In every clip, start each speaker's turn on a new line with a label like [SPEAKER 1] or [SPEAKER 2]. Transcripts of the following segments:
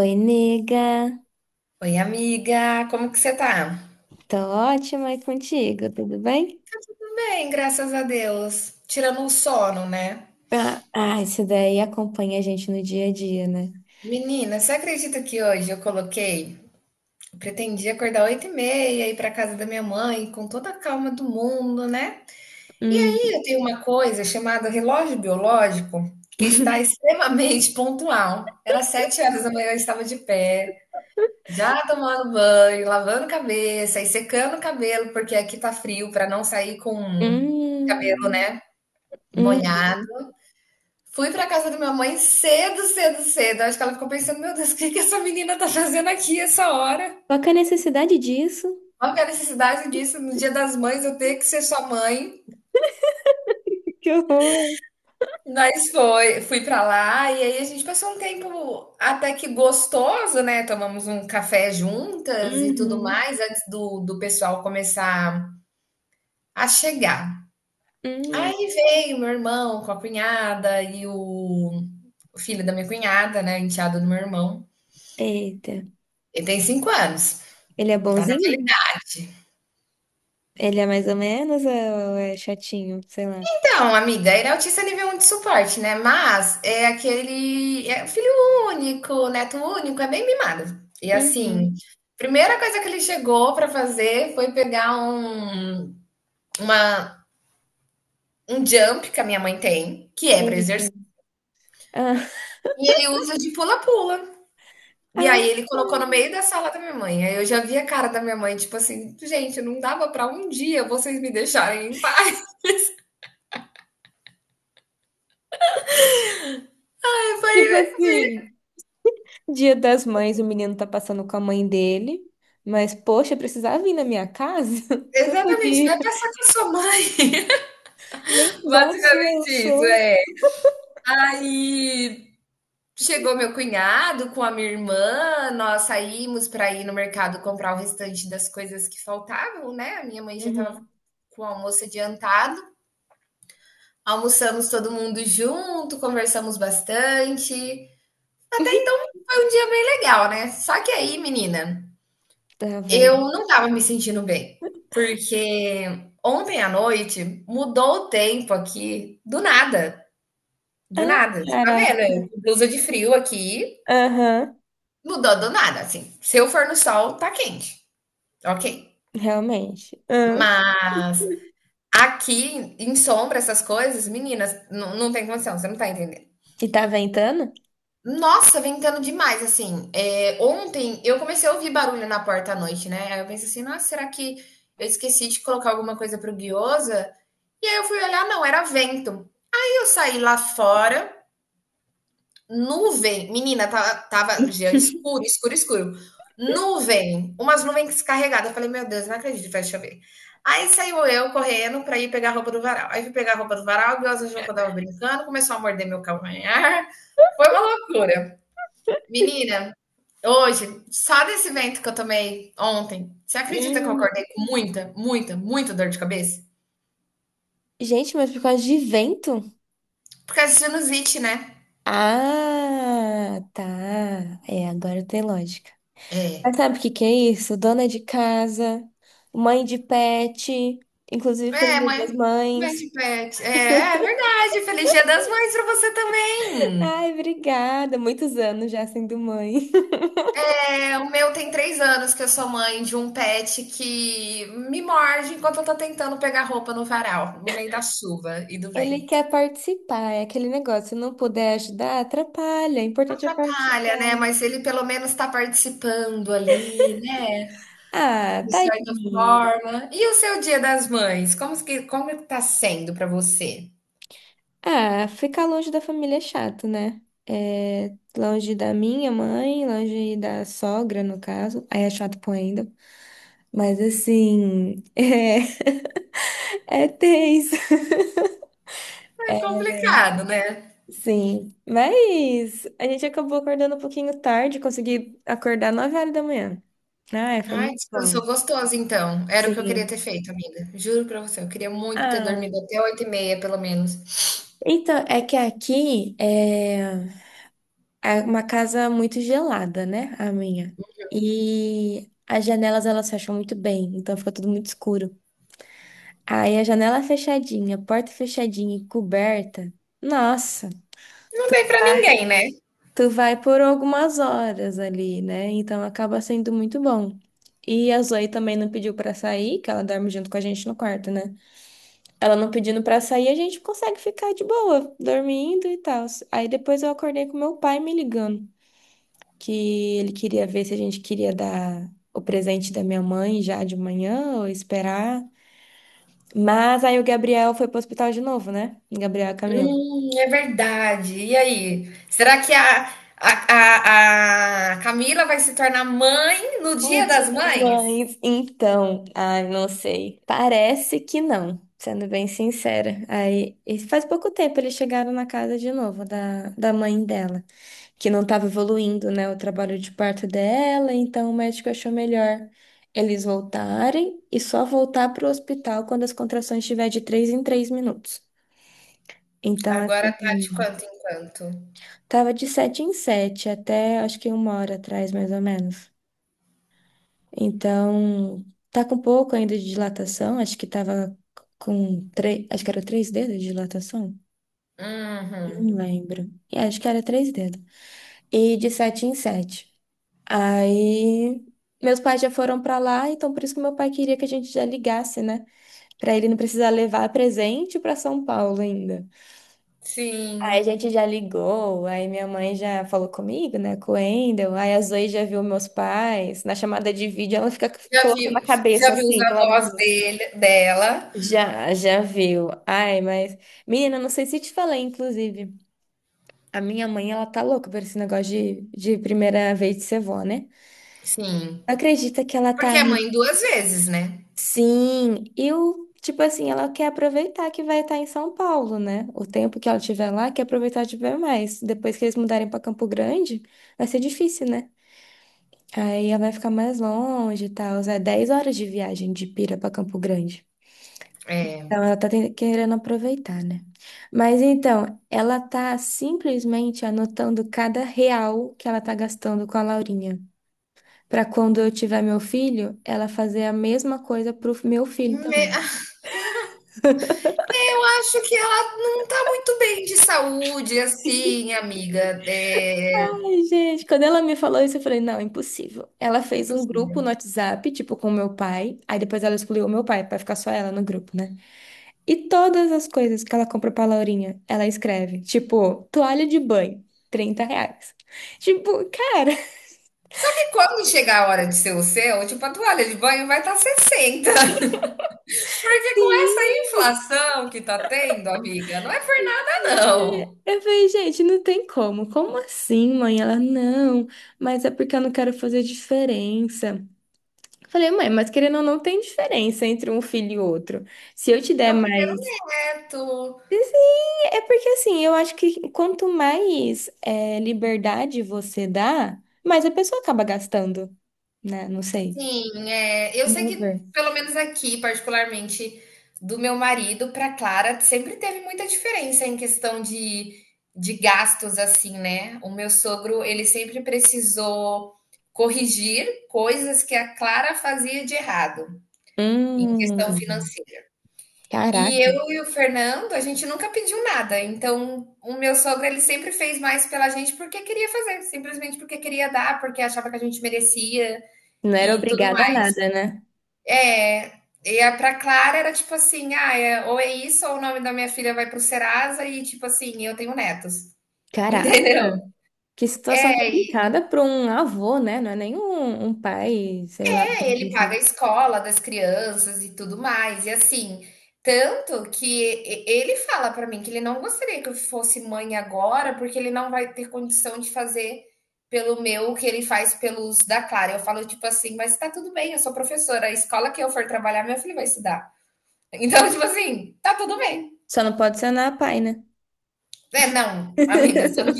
[SPEAKER 1] Oi, nega.
[SPEAKER 2] Oi, amiga, como que você tá?
[SPEAKER 1] Tô ótima e contigo, tudo bem?
[SPEAKER 2] Bem, graças a Deus. Tirando o sono, né?
[SPEAKER 1] Ah, ah, isso daí acompanha a gente no dia a dia, né?
[SPEAKER 2] Menina, você acredita que hoje eu coloquei? Eu pretendia acordar 8h30, ir pra casa da minha mãe, com toda a calma do mundo, né? E aí
[SPEAKER 1] Hum.
[SPEAKER 2] eu tenho uma coisa chamada relógio biológico, que está extremamente pontual. Era 7 horas da manhã, eu estava de pé, já tomando banho, lavando cabeça e secando o cabelo, porque aqui tá frio, pra não sair com cabelo,
[SPEAKER 1] Hum.
[SPEAKER 2] né, molhado.
[SPEAKER 1] Uhum.
[SPEAKER 2] Fui pra casa da minha mãe cedo, cedo, cedo. Acho que ela ficou pensando, meu Deus, o que que essa menina tá fazendo aqui essa hora?
[SPEAKER 1] Qual que é a necessidade disso?
[SPEAKER 2] Qual que é a necessidade disso no Dia das Mães eu ter que ser sua mãe?
[SPEAKER 1] Que horror!
[SPEAKER 2] Mas foi, fui pra lá e aí a gente passou um tempo até que gostoso, né? Tomamos um café juntas e tudo
[SPEAKER 1] Uhum.
[SPEAKER 2] mais antes do pessoal começar a chegar.
[SPEAKER 1] Hum.
[SPEAKER 2] Aí veio meu irmão com a cunhada e o filho da minha cunhada, né? Enteado do meu irmão.
[SPEAKER 1] Eita.
[SPEAKER 2] Ele tem 5 anos.
[SPEAKER 1] Ele é
[SPEAKER 2] Tá na
[SPEAKER 1] bonzinho?
[SPEAKER 2] realidade.
[SPEAKER 1] Ele é mais ou menos ou é chatinho? Sei lá.
[SPEAKER 2] Então, amiga, ele é autista nível 1 de suporte, né? Mas é aquele. É filho único, neto único, é bem mimado. E assim,
[SPEAKER 1] Uhum.
[SPEAKER 2] primeira coisa que ele chegou para fazer foi pegar uma, um jump que a minha mãe tem, que é para exercício,
[SPEAKER 1] Eita. Ah,
[SPEAKER 2] e ele usa de pula-pula. E
[SPEAKER 1] ah,
[SPEAKER 2] aí ele colocou no meio da sala da minha mãe. Aí eu já vi a cara da minha mãe, tipo assim, gente, não dava para um dia vocês me deixarem em paz. Eu
[SPEAKER 1] tipo
[SPEAKER 2] falei,
[SPEAKER 1] assim. Dia das Mães, o menino tá passando com a mãe dele, mas poxa, precisava vir na minha casa? Então
[SPEAKER 2] exatamente,
[SPEAKER 1] podia.
[SPEAKER 2] vai passar com a sua mãe.
[SPEAKER 1] Nem boss eu
[SPEAKER 2] Basicamente isso,
[SPEAKER 1] sou.
[SPEAKER 2] é. Aí chegou meu cunhado com a minha irmã, nós saímos para ir no mercado comprar o restante das coisas que faltavam, né? A minha mãe já estava
[SPEAKER 1] Uhum.
[SPEAKER 2] com o almoço adiantado. Almoçamos todo mundo junto, conversamos bastante. Foi um dia bem legal, né? Só que aí, menina,
[SPEAKER 1] Tá
[SPEAKER 2] eu
[SPEAKER 1] vendo?
[SPEAKER 2] não estava me sentindo bem, porque ontem à noite mudou o tempo aqui do nada. Do
[SPEAKER 1] Ah,
[SPEAKER 2] nada, você tá vendo?
[SPEAKER 1] caraca.
[SPEAKER 2] Eu com blusa de frio aqui.
[SPEAKER 1] Aham,
[SPEAKER 2] Mudou do nada, assim. Se eu for no sol, tá quente. Ok.
[SPEAKER 1] realmente. Ah.
[SPEAKER 2] Mas aqui, em sombra, essas coisas, meninas, não tem condição, você não tá entendendo.
[SPEAKER 1] E tá ventando?
[SPEAKER 2] Nossa, ventando demais, assim. É, ontem eu comecei a ouvir barulho na porta à noite, né? Aí eu pensei assim, nossa, será que eu esqueci de colocar alguma coisa pro Guiosa? E aí eu fui olhar, não, era vento. Aí eu saí lá fora, nuvem, menina, tava já escuro, escuro, escuro. Nuvem, umas nuvens carregadas. Eu falei: "Meu Deus, não acredito vai chover". Aí saiu eu correndo pra ir pegar a roupa do varal. Aí fui pegar a roupa do varal, o Deus, achou que eu estava brincando, começou a morder meu calcanhar. Foi uma loucura. Menina, hoje, só desse vento que eu tomei ontem, você acredita que eu
[SPEAKER 1] Hum.
[SPEAKER 2] acordei com muita, muita, muita dor de cabeça?
[SPEAKER 1] Gente, mas por causa de vento?
[SPEAKER 2] Por causa de sinusite, né?
[SPEAKER 1] Ah, tá. É, agora tem lógica.
[SPEAKER 2] É.
[SPEAKER 1] Mas sabe o que que é isso? Dona de casa, mãe de pet, inclusive feliz
[SPEAKER 2] É,
[SPEAKER 1] Dia
[SPEAKER 2] mãe,
[SPEAKER 1] das
[SPEAKER 2] mãe
[SPEAKER 1] Mães.
[SPEAKER 2] de pet. É, é verdade. Feliz Dia das Mães para você também.
[SPEAKER 1] Ai, obrigada. Muitos anos já sendo mãe.
[SPEAKER 2] É, o meu tem 3 anos que eu sou mãe de um pet que me morde enquanto eu tô tentando pegar roupa no varal, no meio da chuva e do
[SPEAKER 1] Ele
[SPEAKER 2] vento.
[SPEAKER 1] quer participar, é aquele negócio. Se não puder ajudar, atrapalha. O importante é
[SPEAKER 2] Atrapalha, né?
[SPEAKER 1] participar.
[SPEAKER 2] Mas ele pelo menos tá participando ali, né?
[SPEAKER 1] Ah,
[SPEAKER 2] De certa
[SPEAKER 1] tadinho.
[SPEAKER 2] forma. E o seu Dia das Mães? Como que tá sendo para você?
[SPEAKER 1] Ah, ficar longe da família é chato, né? É, longe da minha mãe, longe da sogra, no caso. Aí é chato pô ainda. Mas assim, é tenso.
[SPEAKER 2] É complicado, né?
[SPEAKER 1] Sim, mas a gente acabou acordando um pouquinho tarde, consegui acordar 9 horas da manhã. Ai, foi
[SPEAKER 2] Ai,
[SPEAKER 1] muito bom.
[SPEAKER 2] descansou gostoso então. Era o que eu queria ter
[SPEAKER 1] Sim.
[SPEAKER 2] feito, amiga. Juro pra você, eu queria muito ter
[SPEAKER 1] Ah,
[SPEAKER 2] dormido até 8:30, pelo menos.
[SPEAKER 1] então, é que aqui é uma casa muito gelada, né? A minha. E as janelas, elas fecham muito bem, então fica tudo muito escuro. Aí a janela fechadinha, a porta fechadinha e coberta, nossa,
[SPEAKER 2] Não dei pra
[SPEAKER 1] Ai.
[SPEAKER 2] ninguém, né?
[SPEAKER 1] Tu vai por algumas horas ali, né? Então acaba sendo muito bom. E a Zoe também não pediu pra sair, que ela dorme junto com a gente no quarto, né? Ela não pedindo pra sair, a gente consegue ficar de boa, dormindo e tal. Aí depois eu acordei com meu pai me ligando, que ele queria ver se a gente queria dar o presente da minha mãe já de manhã ou esperar. Mas aí o Gabriel foi pro hospital de novo, né? O Gabriel e a Camila.
[SPEAKER 2] É verdade. E aí? Será que a, a Camila vai se tornar mãe no
[SPEAKER 1] No
[SPEAKER 2] Dia
[SPEAKER 1] Dia
[SPEAKER 2] das
[SPEAKER 1] das
[SPEAKER 2] Mães?
[SPEAKER 1] Mães. Então, ai, não sei. Parece que não, sendo bem sincera. Aí, e faz pouco tempo eles chegaram na casa de novo da mãe dela, que não estava evoluindo, né, o trabalho de parto dela, então o médico achou melhor eles voltarem e só voltar para o hospital quando as contrações estiver de 3 em 3 minutos. Então,
[SPEAKER 2] Agora
[SPEAKER 1] assim,
[SPEAKER 2] tá de quanto em quanto.
[SPEAKER 1] tava de 7 em 7 até acho que uma hora atrás, mais ou menos. Então, tá com pouco ainda de dilatação, acho que tava com três, acho que era três dedos de dilatação, não
[SPEAKER 2] Uhum.
[SPEAKER 1] lembro. É, acho que era três dedos. E de 7 em 7. Aí, meus pais já foram pra lá, então por isso que meu pai queria que a gente já ligasse, né? Pra ele não precisar levar presente pra São Paulo ainda. Aí a
[SPEAKER 2] Sim.
[SPEAKER 1] gente já ligou, aí minha mãe já falou comigo, né, com o Wendel, aí a Zoe já viu meus pais, na chamada de vídeo ela fica
[SPEAKER 2] Já viu,
[SPEAKER 1] colocando a
[SPEAKER 2] já
[SPEAKER 1] cabeça
[SPEAKER 2] viu os
[SPEAKER 1] assim, de lado.
[SPEAKER 2] avós dele, dela?
[SPEAKER 1] Já, já viu. Ai, mas. Menina, não sei se te falei, inclusive. A minha mãe, ela tá louca por esse negócio de primeira vez de ser vó, né?
[SPEAKER 2] Sim.
[SPEAKER 1] Acredita que ela tá.
[SPEAKER 2] Porque é mãe duas vezes, né?
[SPEAKER 1] Sim, eu. Tipo assim, ela quer aproveitar que vai estar em São Paulo, né? O tempo que ela tiver lá, quer aproveitar de ver mais. Depois que eles mudarem pra Campo Grande, vai ser difícil, né? Aí ela vai ficar mais longe e tal. É 10 horas de viagem de Pira pra Campo Grande.
[SPEAKER 2] É.
[SPEAKER 1] Então, ela tá ten- querendo aproveitar, né? Mas então, ela tá simplesmente anotando cada real que ela tá gastando com a Laurinha, pra quando eu tiver meu filho, ela fazer a mesma coisa pro meu filho
[SPEAKER 2] Me-
[SPEAKER 1] também.
[SPEAKER 2] Eu acho que ela não tá muito bem de saúde, assim, amiga. É
[SPEAKER 1] Ai, gente, quando ela me falou isso, eu falei, não, impossível. Ela fez um grupo no
[SPEAKER 2] impossível.
[SPEAKER 1] WhatsApp, tipo, com meu pai, aí depois ela excluiu o meu pai pra ficar só ela no grupo, né? E todas as coisas que ela compra pra Laurinha, ela escreve, tipo, toalha de banho, R$ 30. Tipo, cara,
[SPEAKER 2] Só que quando chegar a hora de ser o seu, tipo, a toalha de banho vai estar tá 60. Porque com essa
[SPEAKER 1] sim,
[SPEAKER 2] inflação que tá tendo, amiga, não é por nada, não.
[SPEAKER 1] eu falei, gente, não tem como. Como assim, mãe? Ela, não, mas é porque eu não quero fazer diferença. Eu falei, mãe, mas querendo ou não, tem diferença entre um filho e outro. Se eu te
[SPEAKER 2] É
[SPEAKER 1] der
[SPEAKER 2] o primeiro
[SPEAKER 1] mais.
[SPEAKER 2] neto.
[SPEAKER 1] Assim, é porque assim, eu acho que quanto mais é, liberdade você dá, mais a pessoa acaba gastando, né? Não sei.
[SPEAKER 2] Sim, é, eu sei
[SPEAKER 1] Vamos
[SPEAKER 2] que,
[SPEAKER 1] ver.
[SPEAKER 2] pelo menos aqui, particularmente do meu marido para Clara, sempre teve muita diferença em questão de gastos, assim, né? O meu sogro, ele sempre precisou corrigir coisas que a Clara fazia de errado em questão
[SPEAKER 1] Hum,
[SPEAKER 2] financeira. E
[SPEAKER 1] caraca.
[SPEAKER 2] eu e o Fernando, a gente nunca pediu nada. Então, o meu sogro, ele sempre fez mais pela gente porque queria fazer, simplesmente porque queria dar, porque achava que a gente merecia
[SPEAKER 1] Não era
[SPEAKER 2] e tudo
[SPEAKER 1] obrigada a nada, né?
[SPEAKER 2] é, e a pra Clara era tipo assim, ah, é, ou é isso, ou o nome da minha filha vai pro Serasa, e tipo assim, eu tenho netos, entendeu?
[SPEAKER 1] Caraca. Que situação
[SPEAKER 2] É, e
[SPEAKER 1] complicada para um avô, né? Não é nem um, um pai, sei lá.
[SPEAKER 2] é, ele paga a escola das crianças e tudo mais, e assim, tanto que ele fala pra mim que ele não gostaria que eu fosse mãe agora, porque ele não vai ter condição de fazer pelo meu o que ele faz pelos da Clara. Eu falo tipo assim, mas tá tudo bem, eu sou professora, a escola que eu for trabalhar, meu filho vai estudar. Então, tipo assim, tá tudo bem.
[SPEAKER 1] Só não pode ser na pai, né?
[SPEAKER 2] É, não, amiga, você não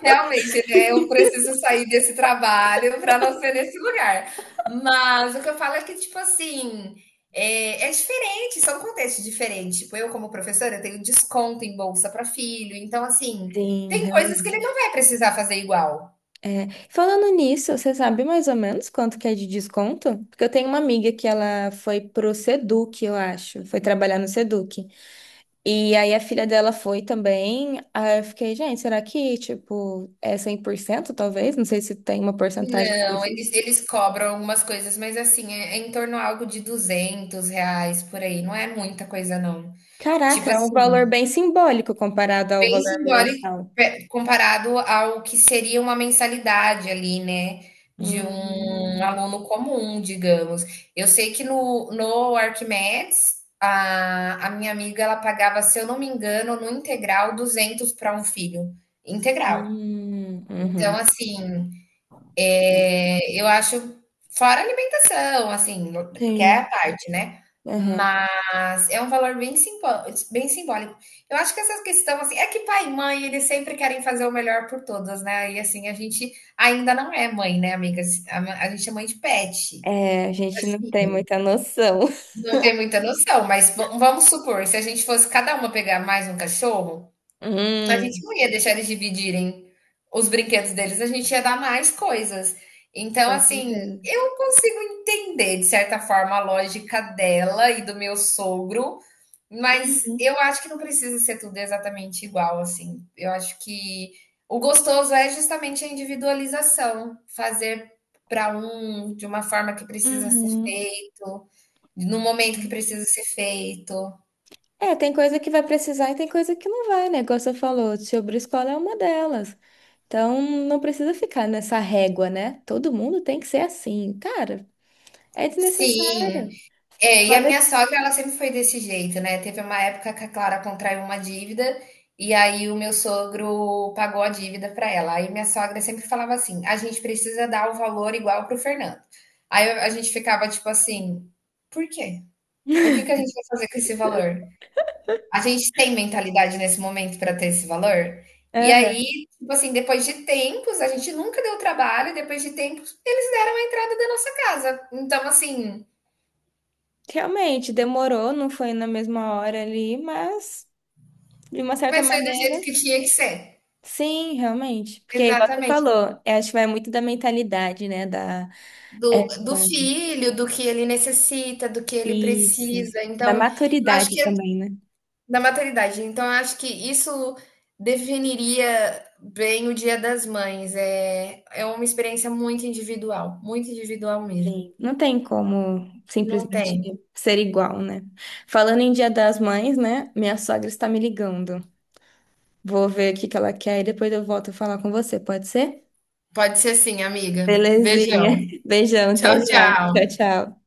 [SPEAKER 2] realmente, né, eu preciso sair desse trabalho para não ser nesse lugar. Mas o que eu falo é que, tipo assim, é, é diferente, são contextos diferentes. Tipo, eu, como professora, tenho desconto em bolsa para filho. Então, assim,
[SPEAKER 1] Sim,
[SPEAKER 2] tem coisas que ele não
[SPEAKER 1] realmente.
[SPEAKER 2] vai precisar fazer igual.
[SPEAKER 1] É, falando nisso, você sabe mais ou menos quanto que é de desconto? Porque eu tenho uma amiga que ela foi pro Seduc, eu acho. Foi trabalhar no Seduc. E aí a filha dela foi também. Aí eu fiquei, gente, será que, tipo, é 100%, talvez? Não sei se tem uma porcentagem
[SPEAKER 2] Não, eles,
[SPEAKER 1] específica.
[SPEAKER 2] eles cobram umas coisas, mas assim, é, é em torno a algo de R$ 200 por aí. Não é muita coisa, não.
[SPEAKER 1] Caraca,
[SPEAKER 2] Tipo
[SPEAKER 1] é um valor
[SPEAKER 2] assim.
[SPEAKER 1] bem simbólico comparado ao
[SPEAKER 2] Bem
[SPEAKER 1] valor
[SPEAKER 2] simbólico
[SPEAKER 1] mensal.
[SPEAKER 2] comparado ao que seria uma mensalidade ali, né? De um
[SPEAKER 1] Hum,
[SPEAKER 2] aluno comum, digamos. Eu sei que no Arquimedes, a minha amiga, ela pagava, se eu não me engano, no integral, 200 para um filho. Integral. Então,
[SPEAKER 1] uhum.
[SPEAKER 2] assim,
[SPEAKER 1] É.
[SPEAKER 2] é, eu acho fora a alimentação, assim, porque é a
[SPEAKER 1] Sim,
[SPEAKER 2] parte, né,
[SPEAKER 1] aham.
[SPEAKER 2] mas é um valor bem simbólico. Eu acho que essa questão, assim é que pai e mãe, eles sempre querem fazer o melhor por todos, né, e assim, a gente ainda não é mãe, né, amigas, a ma a gente é mãe de pet,
[SPEAKER 1] É, a
[SPEAKER 2] e
[SPEAKER 1] gente não
[SPEAKER 2] assim,
[SPEAKER 1] tem muita noção.
[SPEAKER 2] não tem muita noção, mas va vamos supor, se a gente fosse cada uma pegar mais um cachorro, a gente
[SPEAKER 1] Hum,
[SPEAKER 2] não ia deixar eles dividirem os brinquedos deles, a gente ia dar mais coisas. Então,
[SPEAKER 1] com
[SPEAKER 2] assim,
[SPEAKER 1] certeza.
[SPEAKER 2] eu consigo entender, de certa forma, a lógica dela e do meu sogro, mas
[SPEAKER 1] Uhum.
[SPEAKER 2] eu acho que não precisa ser tudo exatamente igual, assim. Eu acho que o gostoso é justamente a individualização, fazer para um de uma forma que precisa ser
[SPEAKER 1] Uhum.
[SPEAKER 2] feito, no momento que
[SPEAKER 1] Sim.
[SPEAKER 2] precisa ser feito.
[SPEAKER 1] É, tem coisa que vai precisar e tem coisa que não vai, né? Como você falou, sobre escola é uma delas. Então, não precisa ficar nessa régua, né? Todo mundo tem que ser assim. Cara, é
[SPEAKER 2] Sim,
[SPEAKER 1] desnecessário.
[SPEAKER 2] é, e a
[SPEAKER 1] Fora que-
[SPEAKER 2] minha sogra, ela sempre foi desse jeito, né. Teve uma época que a Clara contraiu uma dívida, e aí o meu sogro pagou a dívida para ela. Aí minha sogra sempre falava assim: "A gente precisa dar o valor igual para o Fernando". Aí a gente ficava tipo assim: "Por quê? O que que a gente vai fazer com esse valor? A gente tem mentalidade nesse momento para ter esse valor?". E aí,
[SPEAKER 1] Aham.
[SPEAKER 2] tipo assim, depois de tempos, a gente nunca deu trabalho, depois de tempos, eles deram a entrada da nossa casa. Então assim,
[SPEAKER 1] Realmente, demorou, não foi na mesma hora ali, mas, de uma certa
[SPEAKER 2] mas foi do jeito
[SPEAKER 1] maneira.
[SPEAKER 2] que tinha que ser.
[SPEAKER 1] Sim, realmente. Porque, igual você
[SPEAKER 2] Exatamente.
[SPEAKER 1] falou, eu acho que vai muito da mentalidade, né? Da, é,
[SPEAKER 2] Do filho, do que ele necessita, do que ele
[SPEAKER 1] isso.
[SPEAKER 2] precisa.
[SPEAKER 1] Da
[SPEAKER 2] Então, eu acho
[SPEAKER 1] maturidade
[SPEAKER 2] que é
[SPEAKER 1] também, né?
[SPEAKER 2] da maternidade. Então, eu acho que isso definiria bem o Dia das Mães. É, é uma experiência muito individual mesmo.
[SPEAKER 1] Sim. Não tem como
[SPEAKER 2] Não
[SPEAKER 1] simplesmente
[SPEAKER 2] tem.
[SPEAKER 1] ser igual, né? Falando em Dia das Mães, né? Minha sogra está me ligando. Vou ver o que que ela quer e depois eu volto a falar com você, pode ser?
[SPEAKER 2] Pode ser sim, amiga. Beijão.
[SPEAKER 1] Belezinha. Beijão,
[SPEAKER 2] Tchau,
[SPEAKER 1] até já.
[SPEAKER 2] tchau.
[SPEAKER 1] Tchau, tchau.